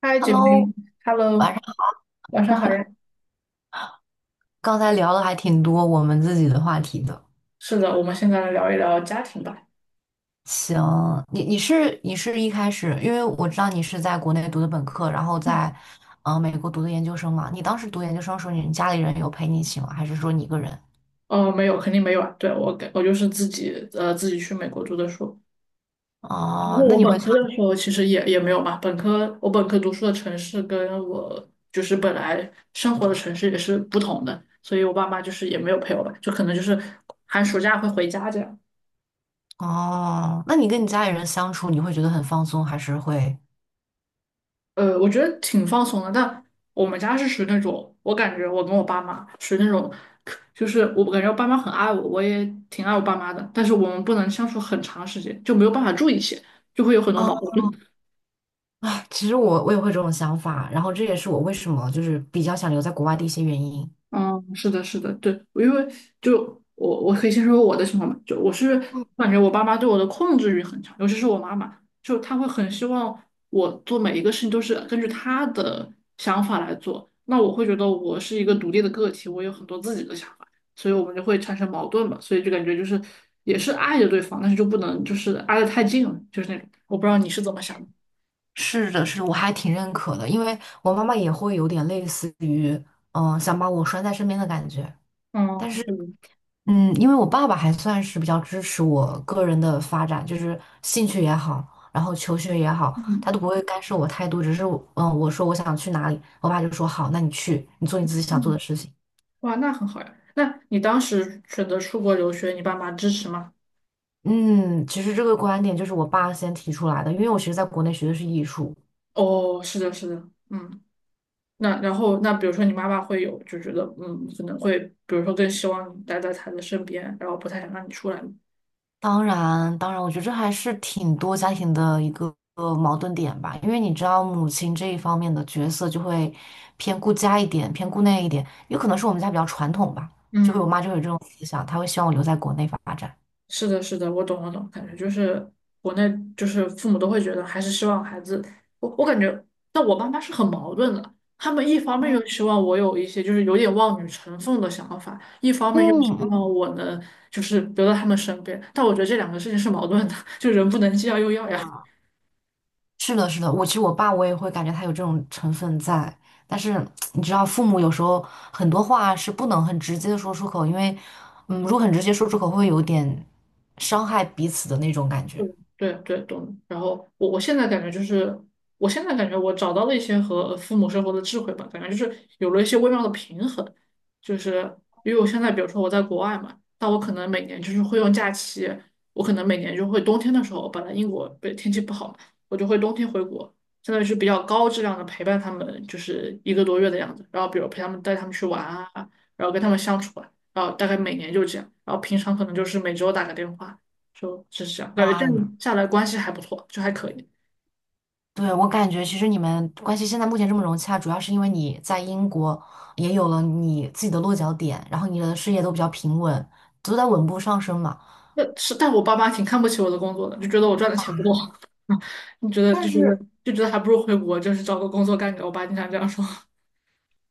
嗨，姐 Hello，妹晚，Hello，上晚上好呀。刚才聊的还挺多我们自己的话题的。是的，我们现在来聊一聊家庭吧。行，你是一开始，因为我知道你是在国内读的本科，然后在美国读的研究生嘛。你当时读研究生的时候，你家里人有陪你一起吗？还是说你一个人？没有，肯定没有啊。对，我就是自己去美国读的书。不哦，过那我你本会想，科的时候其实也没有嘛。本科读书的城市跟我就是本来生活的城市也是不同的，所以我爸妈就是也没有陪我吧，就可能就是寒暑假会回家这样。哦，那你跟你家里人相处，你会觉得很放松，还是会？我觉得挺放松的，但我们家是属于那种，我感觉我跟我爸妈属于那种，就是我感觉我爸妈很爱我，我也挺爱我爸妈的，但是我们不能相处很长时间，就没有办法住一起，就会有很多啊，矛盾。其实我也会这种想法，然后这也是我为什么就是比较想留在国外的一些原因。嗯，是的，是的，对，因为就我可以先说我的情况吧，就我是感觉我爸妈对我的控制欲很强，尤其是我妈妈，就她会很希望我做每一个事情都是根据她的想法来做，那我会觉得我是一个独立的个体，我有很多自己的想法，所以我们就会产生矛盾嘛，所以就感觉就是也是爱着对方，但是就不能就是挨得太近了，就是那种，我不知道你是怎么想的。是的，是的我还挺认可的，因为我妈妈也会有点类似于，想把我拴在身边的感觉。嗯，但是，是的嗯，因为我爸爸还算是比较支持我个人的发展，就是兴趣也好，然后求学也好，嗯。他都不会干涉我太多，只是我嗯，我说我想去哪里，我爸就说好，那你去，你做你自己想做嗯。的事情。哇，那很好呀。那你当时选择出国留学，你爸妈支持吗？嗯，其实这个观点就是我爸先提出来的，因为我其实在国内学的是艺术。哦，是的，是的，嗯。那然后，那比如说你妈妈会有就觉得，可能会，比如说更希望你待在她的身边，然后不太想让你出来。当然，当然，我觉得这还是挺多家庭的一个矛盾点吧，因为你知道母亲这一方面的角色就会偏顾家一点，偏顾那一点，有可能是我们家比较传统吧，我嗯。妈就会有这种思想，她会希望我留在国内发展。是的，是的，我懂，我懂，感觉就是国内就是父母都会觉得还是希望孩子，我感觉，但我爸妈是很矛盾的，他们一方面嗯，又希望我有一些就是有点望女成凤的想法，一方面又希嗯望嗯，我能就是留在他们身边，但我觉得这两个事情是矛盾的，就人不能既要又要呀。是的，是的，我其实我爸我也会感觉他有这种成分在，但是你知道，父母有时候很多话是不能很直接的说出口，因为嗯，如果很直接说出口，会有点伤害彼此的那种感对觉。对对，懂。然后我现在感觉就是，我现在感觉我找到了一些和父母生活的智慧吧，感觉就是有了一些微妙的平衡。就是因为我现在，比如说我在国外嘛，但我可能每年就是会用假期，我可能每年就会冬天的时候，本来英国对天气不好嘛，我就会冬天回国，相当于是比较高质量的陪伴他们，就是一个多月的样子。然后比如陪他们带他们去玩啊，然后跟他们相处啊，然后大概每年就这样。然后平常可能就是每周打个电话。就是这样，感觉这哇，样下来关系还不错，就还可以。对，我感觉其实你们关系现在目前这么融洽，主要是因为你在英国也有了你自己的落脚点，然后你的事业都比较平稳，都在稳步上升嘛。那是，但我爸妈挺看不起我的工作的，就觉得我赚的钱不够，你觉得但是，还不如回国，就是找个工作干干。我爸经常这样说。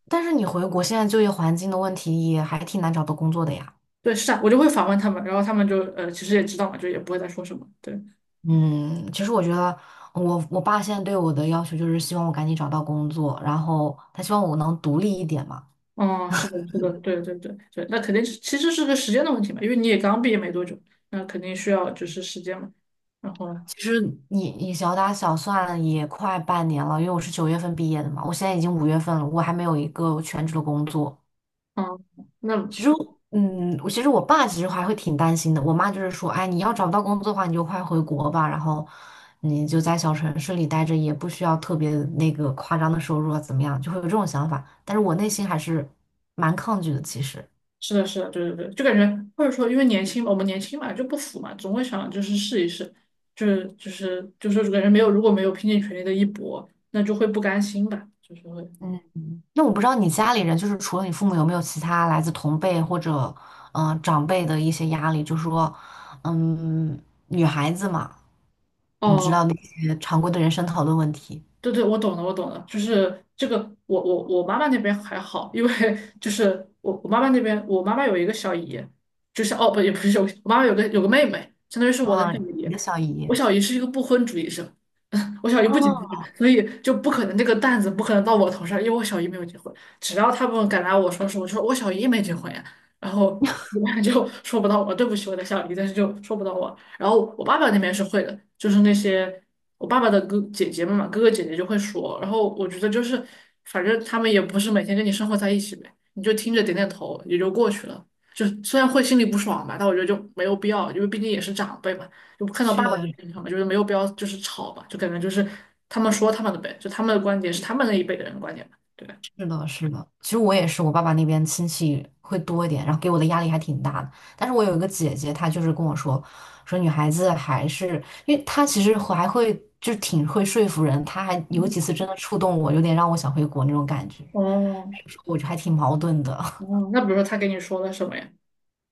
但是你回国现在就业环境的问题也还挺难找到工作的呀。对，是啊，我就会反问他们，然后他们就其实也知道嘛，就也不会再说什么。对，嗯，其实我觉得我爸现在对我的要求就是希望我赶紧找到工作，然后他希望我能独立一点嘛。嗯，是的，是的，对对对对，那肯定是其实是个时间的问题嘛，因为你也刚毕业没多久，那肯定需要就是时间嘛。然后，其实你小打小算也快半年了，因为我是九月份毕业的嘛，我现在已经五月份了，我还没有一个全职的工作。嗯，那其实嗯，我爸其实还会挺担心的。我妈就是说，哎，你要找不到工作的话，你就快回国吧，然后你就在小城市里待着，也不需要特别那个夸张的收入啊，怎么样，就会有这种想法。但是我内心还是蛮抗拒的，其实。是的，是的，对对对，就感觉或者说，因为年轻嘛，我们年轻嘛，就不服嘛，总会想就是试一试，就是感觉没有，如果没有拼尽全力的一搏，那就会不甘心吧，就是会。嗯。那我不知道你家里人，就是除了你父母，有没有其他来自同辈或者长辈的一些压力？就说，嗯，女孩子嘛，你知道哦，那些常规的人生讨论问题对对，我懂了，我懂了，就是这个，我妈妈那边还好，因为就是我妈妈那边，我妈妈有一个小姨，就是哦不也不是有，我妈妈有个妹妹，相当于是我的啊，小姨，你的小姨。我小姨是一个不婚主义者，我小姨不结婚，啊，所以就不可能那个担子不可能到我头上，因为我小姨没有结婚，只要他们敢拿我说事，我就说我小姨没结婚呀，然后我妈就说不到我，对不起我的小姨，但是就说不到我，然后我爸爸那边是会的，就是那些。我爸爸的哥姐姐们嘛，哥哥姐姐就会说，然后我觉得就是，反正他们也不是每天跟你生活在一起呗，你就听着点点头也就过去了。就虽然会心里不爽吧，但我觉得就没有必要，因为毕竟也是长辈嘛，就看到爸爸的去。立场嘛，就是没有必要就是吵吧，就感觉就是他们说他们的呗，就他们的观点是他们那一辈的人的观点嘛，对吧？是的，是的。其实我也是，我爸爸那边亲戚会多一点，然后给我的压力还挺大的。但是我有一个姐姐，她就是跟我说，说女孩子还是，因为她其实还会挺会说服人，她还有几次真的触动我，有点让我想回国那种感觉。哦，我就还挺矛盾的。哦，那比如说他给你说了什么呀？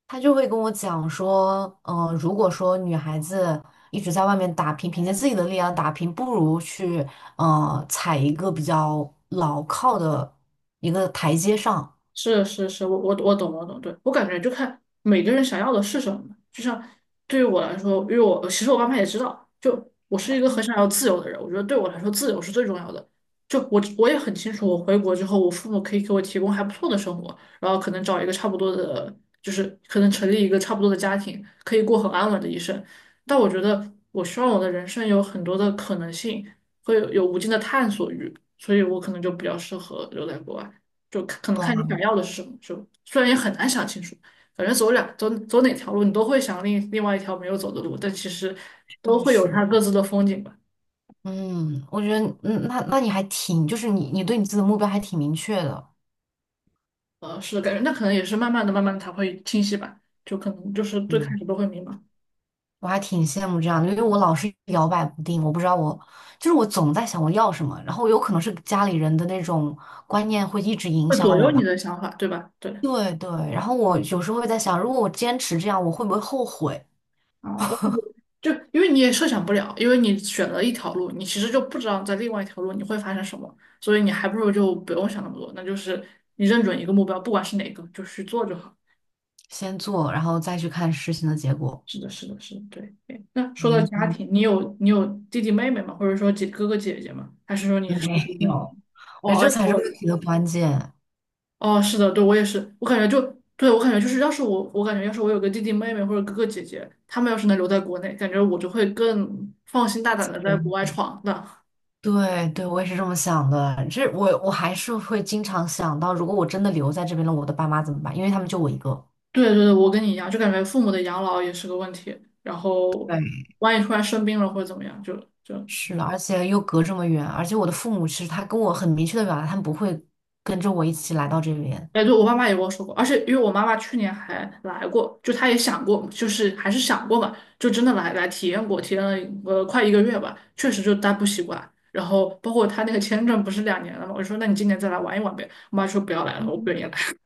她就会跟我讲说，如果说女孩子一直在外面打拼，凭借自己的力量打拼，不如去，踩一个比较牢靠的一个台阶上。是是是，我懂，对，我感觉就看每个人想要的是什么就像对于我来说，因为我其实我爸妈也知道，就我是一个很想要自由的人，我觉得对我来说自由是最重要的。就我也很清楚，我回国之后，我父母可以给我提供还不错的生活，然后可能找一个差不多的，就是可能成立一个差不多的家庭，可以过很安稳的一生。但我觉得我希望我的人生有很多的可能性，会有无尽的探索欲，所以我可能就比较适合留在国外。就看可能看你哇，想要的是什么，就虽然也很难想清楚，反正走两走走哪条路，你都会想另外一条没有走的路，但其实都确会有实，它各自的风景吧。嗯，我觉得，嗯，那你还挺，就是你对你自己的目标还挺明确的，是的，感觉那可能也是慢慢的、慢慢的才会清晰吧，就可能就是最开嗯，始都会迷茫，我还挺羡慕这样的，因为我老是摇摆不定，我不知道我，就是我总在想我要什么，然后有可能是家里人的那种观念会一直影会左响右我你吧，的想法，对吧？对。对对，然后我有时候会在想，如果我坚持这样，我会不会后悔？啊，我感觉就因为你也设想不了，因为你选了一条路，你其实就不知道在另外一条路你会发生什么，所以你还不如就不用想那么多，那就是你认准一个目标，不管是哪个，就去做就好。先做，然后再去看事情的结果。是的，是的，是的，对对那说到家嗯，庭，你有弟弟妹妹吗？或者说哥哥姐姐吗？还是没独生有，子？我觉得哦，这才跟是我问一样题的关键。哦，是的，对，我也是，我感觉就对我感觉就是，要是我感觉要是我有个弟弟妹妹或者哥哥姐姐，他们要是能留在国内，感觉我就会更放心大胆的在国外闯荡。对对，我也是这么想的。这我还是会经常想到，如果我真的留在这边了，我的爸妈怎么办？因为他们就我一个。对对对，我跟你一样，就感觉父母的养老也是个问题，然后对，万一突然生病了或者怎么样，就是的，而且又隔这么远，而且我的父母其实他跟我很明确的表达，他们不会跟着我一起来到这边。哎，对，我妈妈也跟我说过，而且因为我妈妈去年还来过，就她也想过，就是还是想过嘛，就真的来体验过，体验了快一个月吧，确实就待不习惯。然后包括她那个签证不是2年了嘛，我就说那你今年再来玩一玩呗，我妈说不要来了，我不嗯，愿意来。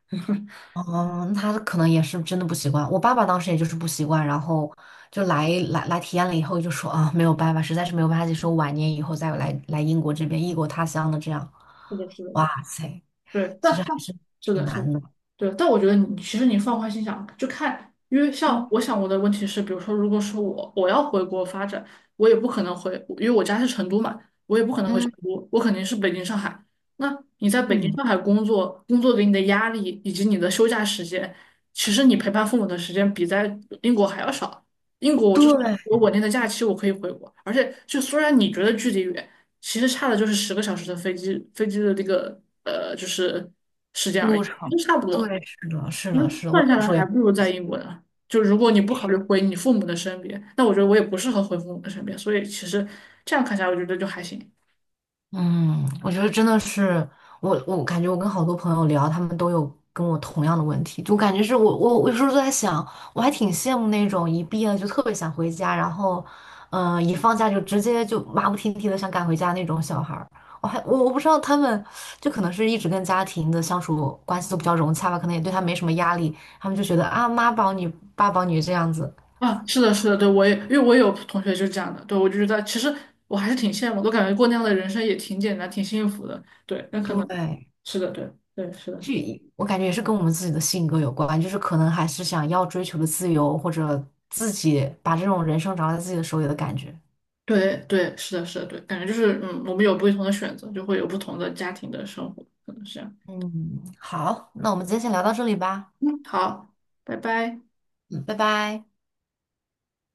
嗯，他可能也是真的不习惯。我爸爸当时也就是不习惯，然后就来体验了以后就说啊，没有办法，实在是没有办法接受，晚年以后再来英国这边异国他乡的这样。是的，是的，哇塞，对，其实但还但是是挺的是的，难的。对，但我觉得你其实你放宽心想，就看，因为像嗯，我想我的问题是，比如说，如果说我要回国发展，我也不可能回，因为我家是成都嘛，我也不可能回成嗯。都，我肯定是北京、上海。那你在北京、嗯，上海工作，工作给你的压力以及你的休假时间，其实你陪伴父母的时间比在英国还要少。英国我至少对，我稳定的假期，我可以回国，而且就虽然你觉得距离远。其实差的就是10个小时的飞机的那个就是时间而已，路程，都差不多。对，是的，是其实的，是的，算我下有来时候也，还不如在英国呢。就如果你不考虑回你父母的身边，那我觉得我也不适合回父母的身边，所以其实这样看下来，我觉得就还行。嗯，我觉得真的是，我感觉我跟好多朋友聊，他们都有跟我同样的问题，就感觉是我有时候都在想，我还挺羡慕那种一毕业就特别想回家，然后，一放假就直接就马不停蹄的想赶回家那种小孩儿。我还我我不知道他们，就可能是一直跟家庭的相处关系都比较融洽吧，可能也对他没什么压力，他们就觉得啊妈宝女爸宝女这样子，啊，是的，是的，对，我也因为我也有同学就是这样的，对，我就觉得其实我还是挺羡慕，我感觉过那样的人生也挺简单，挺幸福的。对，那可能对。是的，对，对，是的。这我感觉也是跟我们自己的性格有关，就是可能还是想要追求的自由，或者自己把这种人生掌握在自己的手里的感觉。对对，是的，是的，对，感觉就是我们有不同的选择，就会有不同的家庭的生活，可能是这样。嗯，好，那我们今天先聊到这里吧，嗯，好，拜拜。嗯，拜拜。